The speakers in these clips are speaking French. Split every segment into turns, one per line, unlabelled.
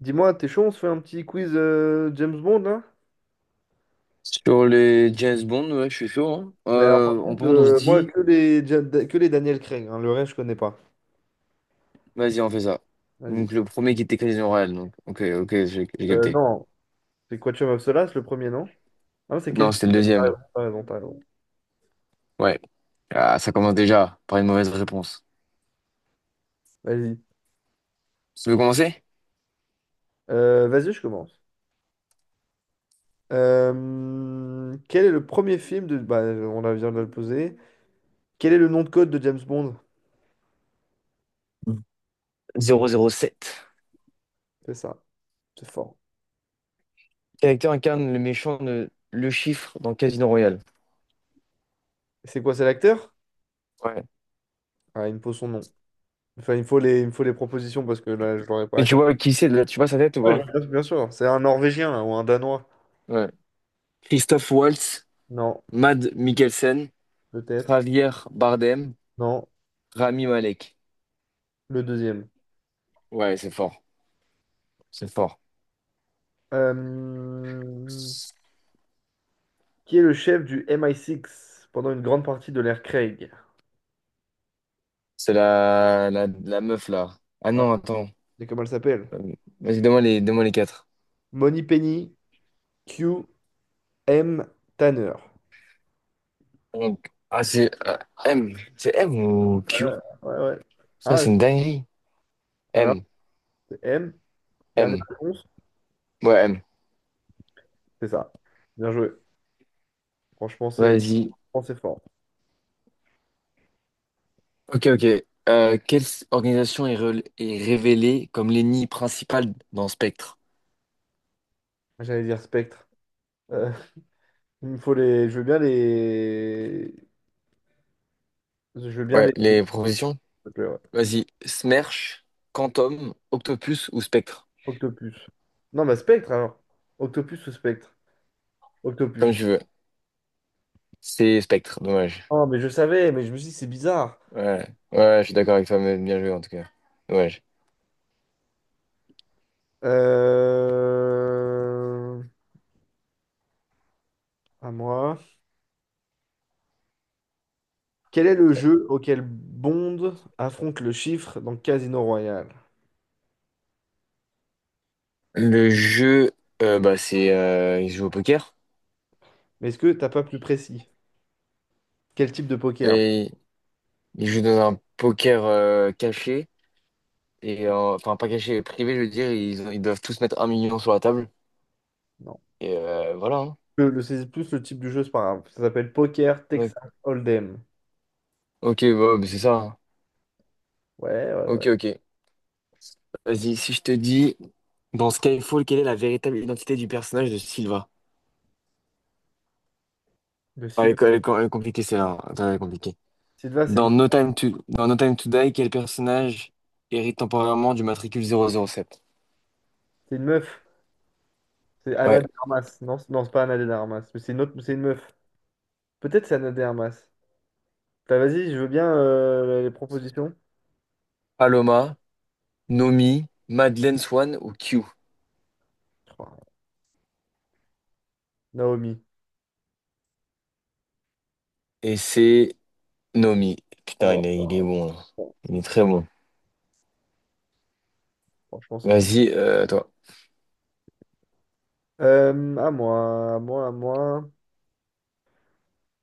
Dis-moi, t'es chaud, on se fait un petit quiz James Bond, là?
Sur les James Bond, ouais, je suis chaud. Hein.
Mais par
On
contre,
pense, on se
moi,
dit,
que les, que les Daniel Craig, hein, le reste, je connais pas.
vas-y, on fait ça.
Vas-y.
Donc le premier qui était Casino Royale, donc ok, ok, j'ai capté.
Non, c'est Quantum of Solace, le premier, non? Ah, c'est
Non,
quasi.
c'était le
T'as
deuxième.
raison, t'as raison, t'as raison.
Ouais. Ah, ça commence déjà par une mauvaise réponse.
Vas-y.
Tu veux commencer?
Vas-y, je commence. Quel est le premier film de. Bah, on la vient de le poser. Quel est le nom de code de James Bond?
Mm. 007.
C'est ça, c'est fort.
Quel acteur incarne le méchant de Le Chiffre dans Casino Royale?
Et c'est quoi, c'est l'acteur?
Ouais.
Ah, il me faut son nom. Enfin, il me faut les, il me faut les propositions parce que là, je l'aurais
Mais
pas.
tu vois qui c'est là? Tu vois sa tête ou
Ouais,
pas?
bien bien sûr, c'est un Norvégien là, ou un Danois.
Ouais. Christophe Waltz,
Non,
Mad Mikkelsen,
peut-être.
Javier Bardem,
Non,
Rami Malek.
le deuxième.
Ouais, c'est fort. C'est fort.
Euh, Qui est le chef du MI6 pendant une grande partie de l'ère Craig?
C'est la meuf là. Ah
Ouais,
non, attends.
c'est comment elle s'appelle?
Euh, Vas-y, donne-moi les quatre.
Money Penny, Q, M, Tanner.
Donc, ah, c'est M. C'est M ou
Ouais,
Q?
ouais, ouais.
Ça,
Ah,
c'est une dinguerie.
alors,
M.
c'est M, dernière
M.
réponse,
Ouais, M.
c'est ça. Bien joué. Franchement,
Vas-y.
c'est fort.
Ok, ok. Quelle organisation est révélée comme l'ennemi principal dans Spectre?
Ah, j'allais dire Spectre. Euh, il me faut les. Je veux bien les. Je veux bien
Ouais,
les. S'il
les propositions?
te plaît, ouais.
Vas-y. Smersh, Quantum, Octopus ou Spectre?
Octopus. Non, bah Spectre alors. Octopus ou Spectre? Octopus.
Comme tu veux. C'est Spectre, dommage.
Oh, mais je savais, mais je me suis dit, c'est bizarre.
Ouais, ouais, je suis d'accord avec toi, mais bien joué en tout cas. Dommage.
Euh... À moi. Quel est le jeu auquel Bond affronte le chiffre dans Casino Royale?
Le jeu, bah, c'est il joue au poker
Mais est-ce que t'as pas plus précis? Quel type de poker?
et il joue dans un poker caché et enfin pas caché, privé, je veux dire. Ils doivent tous mettre 1 million sur la table
Non.
et voilà. Hein.
C'est plus le type du jeu, c'est pas grave. Ça s'appelle Poker Texas
Ouais.
Hold'em.
Ok, bah, bah, c'est ça. Hein.
Ouais, ouais, ouais.
Ok, ok. Vas-y, si je te dis dans Skyfall, quelle est la véritable identité du personnage de Silva?
De
Ah, elle,
Sylvain.
est elle est- elle est compliquée celle-là. Hein. Attends, elle est compliquée.
Sylvain, c'est le-
Dans No Time to Die, quel personnage hérite temporairement du matricule 007.
c'est une meuf. C'est
Ouais.
Anna de Armas. Non, c'est pas Anna de Armas. Mais c'est une autre, c'est une meuf. Peut-être c'est Anna de Armas. T'as, vas-y, je veux bien les propositions.
Paloma. Nomi, Madeleine Swan ou Q?
Oh, Naomi.
Et c'est Nomi. Putain,
Oh
il est bon, là.
là.
Il est très bon.
Franchement, c'est fou.
Vas-y, toi.
À moi, à moi, à moi.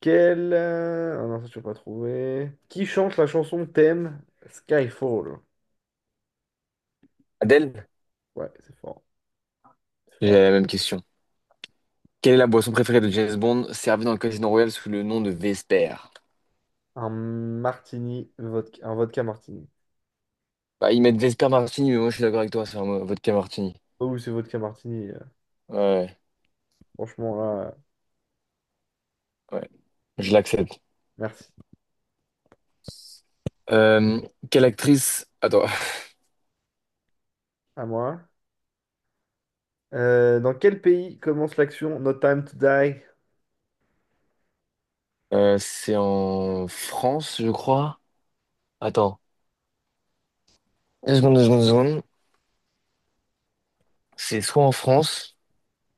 Ah non, ça, tu peux pas trouver. Qui chante la chanson thème Skyfall?
Adèle,
Ouais, c'est fort, c'est
j'ai
fort.
la même question. Quelle est la boisson préférée de James Bond servie dans le Casino Royal sous le nom de Vesper?
Un martini, vodka, un vodka martini.
Bah, ils mettent Vesper Martini, mais moi je suis d'accord avec toi, c'est un vodka Martini.
Oh, oui, c'est vodka martini.
Ouais,
Franchement, là,
ouais, je l'accepte.
merci.
Euh, Attends,
À moi. Dans quel pays commence l'action No Time to Die?
c'est en France, je crois. Attends, deux secondes, deux secondes, deux secondes. C'est soit en France.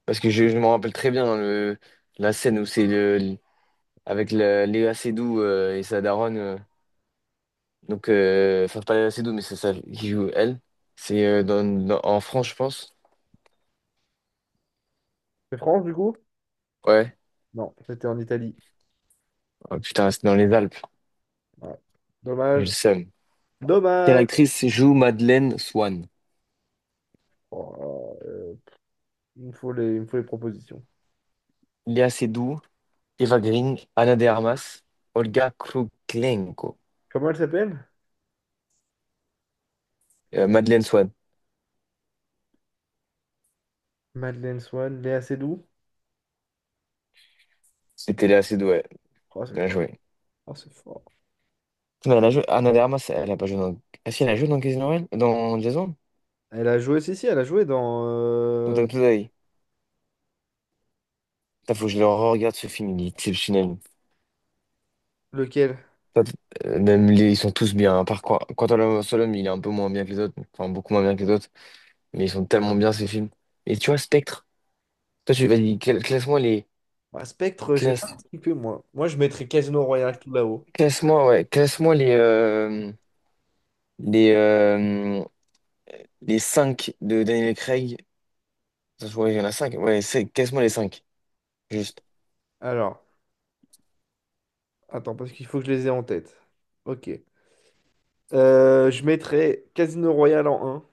Parce que je me rappelle très bien hein, le, la scène où c'est avec Léa Seydoux et sa daronne. Donc, enfin, pas Léa Seydoux, mais c'est ça qui joue elle. C'est en France, je pense.
C'est France, du coup?
Ouais.
Non, c'était en Italie.
Oh, putain, c'est dans les Alpes.
Ouais.
J'ai le
Dommage.
seum. Quelle
Dommage.
actrice joue Madeleine Swann?
Oh, euh, il me faut les, il me faut les propositions.
Léa Seydoux, Eva Green, Ana de Armas, Olga Kruklenko.
Comment elle s'appelle?
Madeleine Swann.
Madeleine Swann, Léa Seydoux.
C'était Léa Seydoux, ouais.
Oh, c'est
Bien
fort.
joué.
Oh, c'est fort.
Mais elle a joué, Ana de Armas, elle a pas joué dans. Ah si, elle a joué dans Casino Royale? Dans Jason?
Elle a joué, si, si, elle a joué dans
Dans Tom Today. Putain, faut que je le regarde ce film, il est exceptionnel.
lequel?
Pas de- Même les, ils sont tous bien, à part quoi. Quantum Solomon, il est un peu moins bien que les autres, enfin beaucoup moins bien que les autres, mais ils sont tellement bien ces films. Et tu vois, Spectre, toi tu vas dire, classe-moi les.
Bah, Spectre, j'ai
Classe,
pas cliqué, moi. Moi, je mettrais Casino Royale tout là-haut.
classe-moi, ouais, classe-moi les, euh, les 5 de Daniel Craig. Ça, je vois, il y en a 5. Ouais, c'est, classe-moi les 5 juste.
Alors, attends, parce qu'il faut que je les ai en tête. Ok. Je mettrais Casino Royale en un,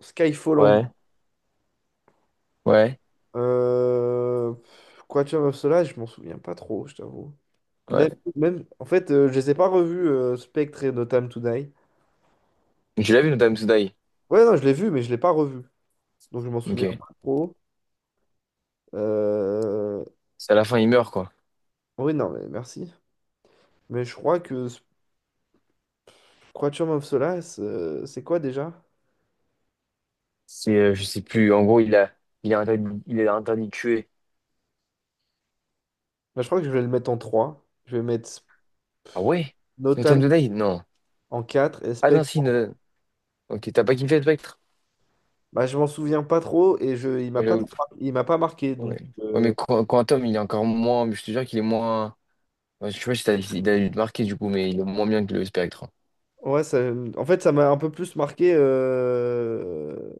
Skyfall en 2.
Ouais, ouais,
Quantum of Solace, je m'en souviens pas trop, je t'avoue. Même,
ouais.
même, en fait, je les ai pas revus, Spectre et No Time to Die.
Tu l'as vu, Notam to Die?
Ouais, non, je l'ai vu, mais je l'ai pas revu. Donc, je m'en souviens
Ok.
pas trop. Euh,
C'est à la fin, il meurt, quoi.
Oui, non, mais merci. Mais je crois que ce- Quatuor of Solace, c'est quoi déjà?
C'est, je sais plus, en gros, il a interdit de tuer.
Bah, je crois que je vais le mettre en trois. Je vais mettre Sp-
Ah ouais? Noten
Notam
Today? Non.
en 4 et
Ah non,
Spectre.
si, Noten. Ok, t'as pas kiffé Spectre?
Bah, je m'en souviens pas trop et je,
Ouais, j'avoue.
il m'a pas marqué. Donc,
Ouais. Ouais, mais Quantum, il est encore moins, mais je te jure qu'il est moins. Ouais, je sais pas si t'as, il a dû te marquer du coup, mais il est moins bien que le Spectre.
ouais, ça, en fait, ça m'a un peu plus marqué euh,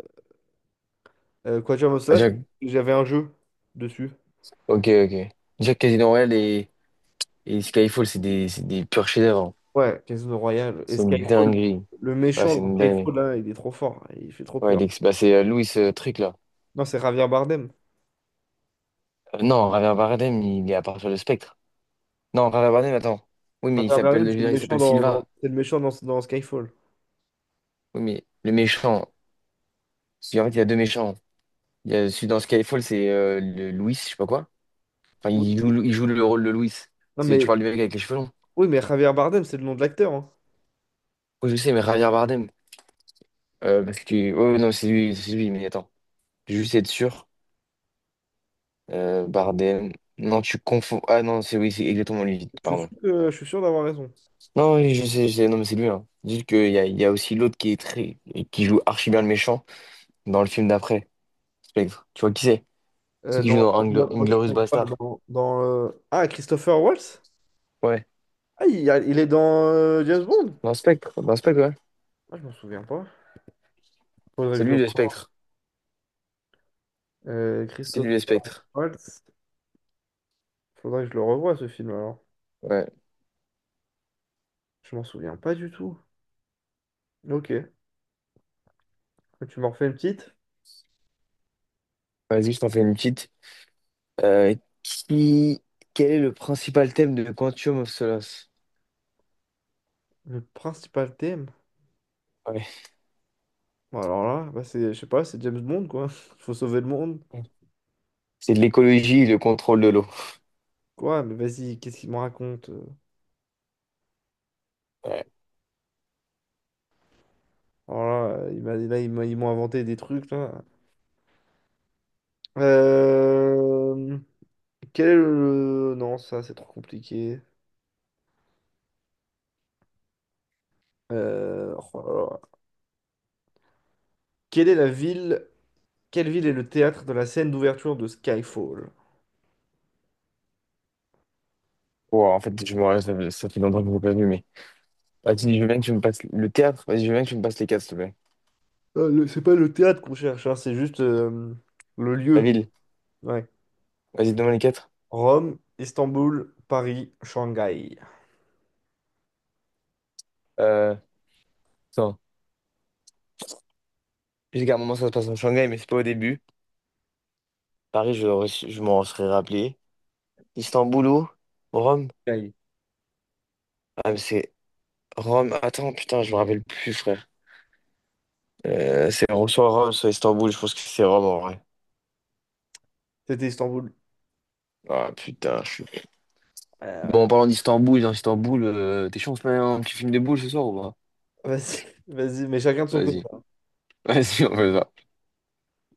euh, Quatuor of
Ah,
Solace parce que j'avais un jeu dessus.
Ok, ok. Jack Casino Royale et Skyfall, c'est des purs chefs-d'œuvre. Hein.
Ouais, Casino Royale. Et
C'est une
Skyfall,
dinguerie.
le
Ouais,
méchant
c'est
dans
une dinguerie.
Skyfall, là, il est trop fort. Il fait trop
Ouais,
peur.
bah, c'est Louis Trick là.
Non, c'est Javier Bardem.
Non, Javier Bardem, il est à partir de Spectre. Non, Rara Barnum, attends. Oui, mais il
Javier
s'appelle,
Bardem,
je veux
c'est le
dire, il
méchant
s'appelle
dans, dans-
Silva.
c'est le méchant dans, dans Skyfall.
Oui, mais le méchant. Si, en fait, il y a deux méchants. Il y a celui dans Skyfall, c'est le Louis, je sais pas quoi. Enfin,
Oui.
il joue le rôle de Louis.
Non,
C'est, tu
mais,
parles du mec avec les cheveux longs.
oui, mais Javier Bardem, c'est le nom de l'acteur, hein.
Oui, je sais, mais Javier Bardem. Parce que. Oh, non, c'est lui, mais attends. Je vais juste être sûr. Bardem. Non, tu confonds. Ah non, c'est oui, c'est exactement lui, pardon.
Je suis sûr d'avoir raison.
Non, oui, je sais, je sais. Non, mais c'est lui, hein. Juste qu'il y a aussi l'autre qui est très. Qui joue archi bien le méchant dans le film d'après, Spectre. Tu vois qui c'est? C'est
Euh,
qui joue
dans,
dans Inglourious Bastard.
Ah, Christopher Waltz?
Ouais.
Ah, il est dans James Bond?
Dans Spectre. Dans Spectre, ouais.
Ah, je m'en souviens pas. Faudrait que
C'est
je le
lui le
revoie.
Spectre. C'est lui
Christopher
le Spectre.
Waltz. Faudrait que je le revoie, ce film, alors.
Ouais.
Je m'en souviens pas du tout. Ok. Tu m'en refais une petite?
Vas-y, je t'en fais une petite. Euh, qui... Quel est le principal thème de Quantum of Solace?
Le principal thème?
Ouais.
Bon, alors là, bah, c'est, je sais pas, c'est James Bond, quoi. Faut sauver le monde.
C'est de l'écologie et le contrôle de l'eau.
Quoi? Mais vas-y, qu'est-ce qu'il me raconte?
Ouais.
Alors là, il m'a- là, ils m'a- ils m'ont inventé des trucs, là. Euh... Quel est le... Non, ça, c'est trop compliqué. Oh là là. Quelle est la ville... Quelle ville est le théâtre de la scène d'ouverture de Skyfall?
Wow, en fait, je me rappelle, ça fait longtemps que je l'ai pas vu, mais. Vas-y, je veux bien que tu me passes le théâtre. Vas-y, je veux bien que tu me passes les quatre, s'il te plaît.
C'est pas le théâtre qu'on cherche, hein, c'est juste le
La
lieu.
ville.
Ouais.
Vas-y, donne-moi les quatre.
Rome, Istanbul, Paris, Shanghai.
Euh, Attends. Je un moment, ça se passe en Shanghai, mais c'est pas au début. Paris, je m'en serais rappelé. Istanbul, où Rome.
Shanghai.
Ah, mais c'est Rome. Attends, putain, je me rappelle plus, frère. C'est soit Rome, soit Istanbul. Je pense que c'est Rome en vrai.
C'était Istanbul.
Ah, putain.
Ouais.
Bon, en parlant d'Istanbul, dans Istanbul, t'es chaud, on se met un petit film de boules ce soir ou pas?
Vas-y, vas-y, mais chacun de son côté.
Vas-y. Vas-y, on fait ça.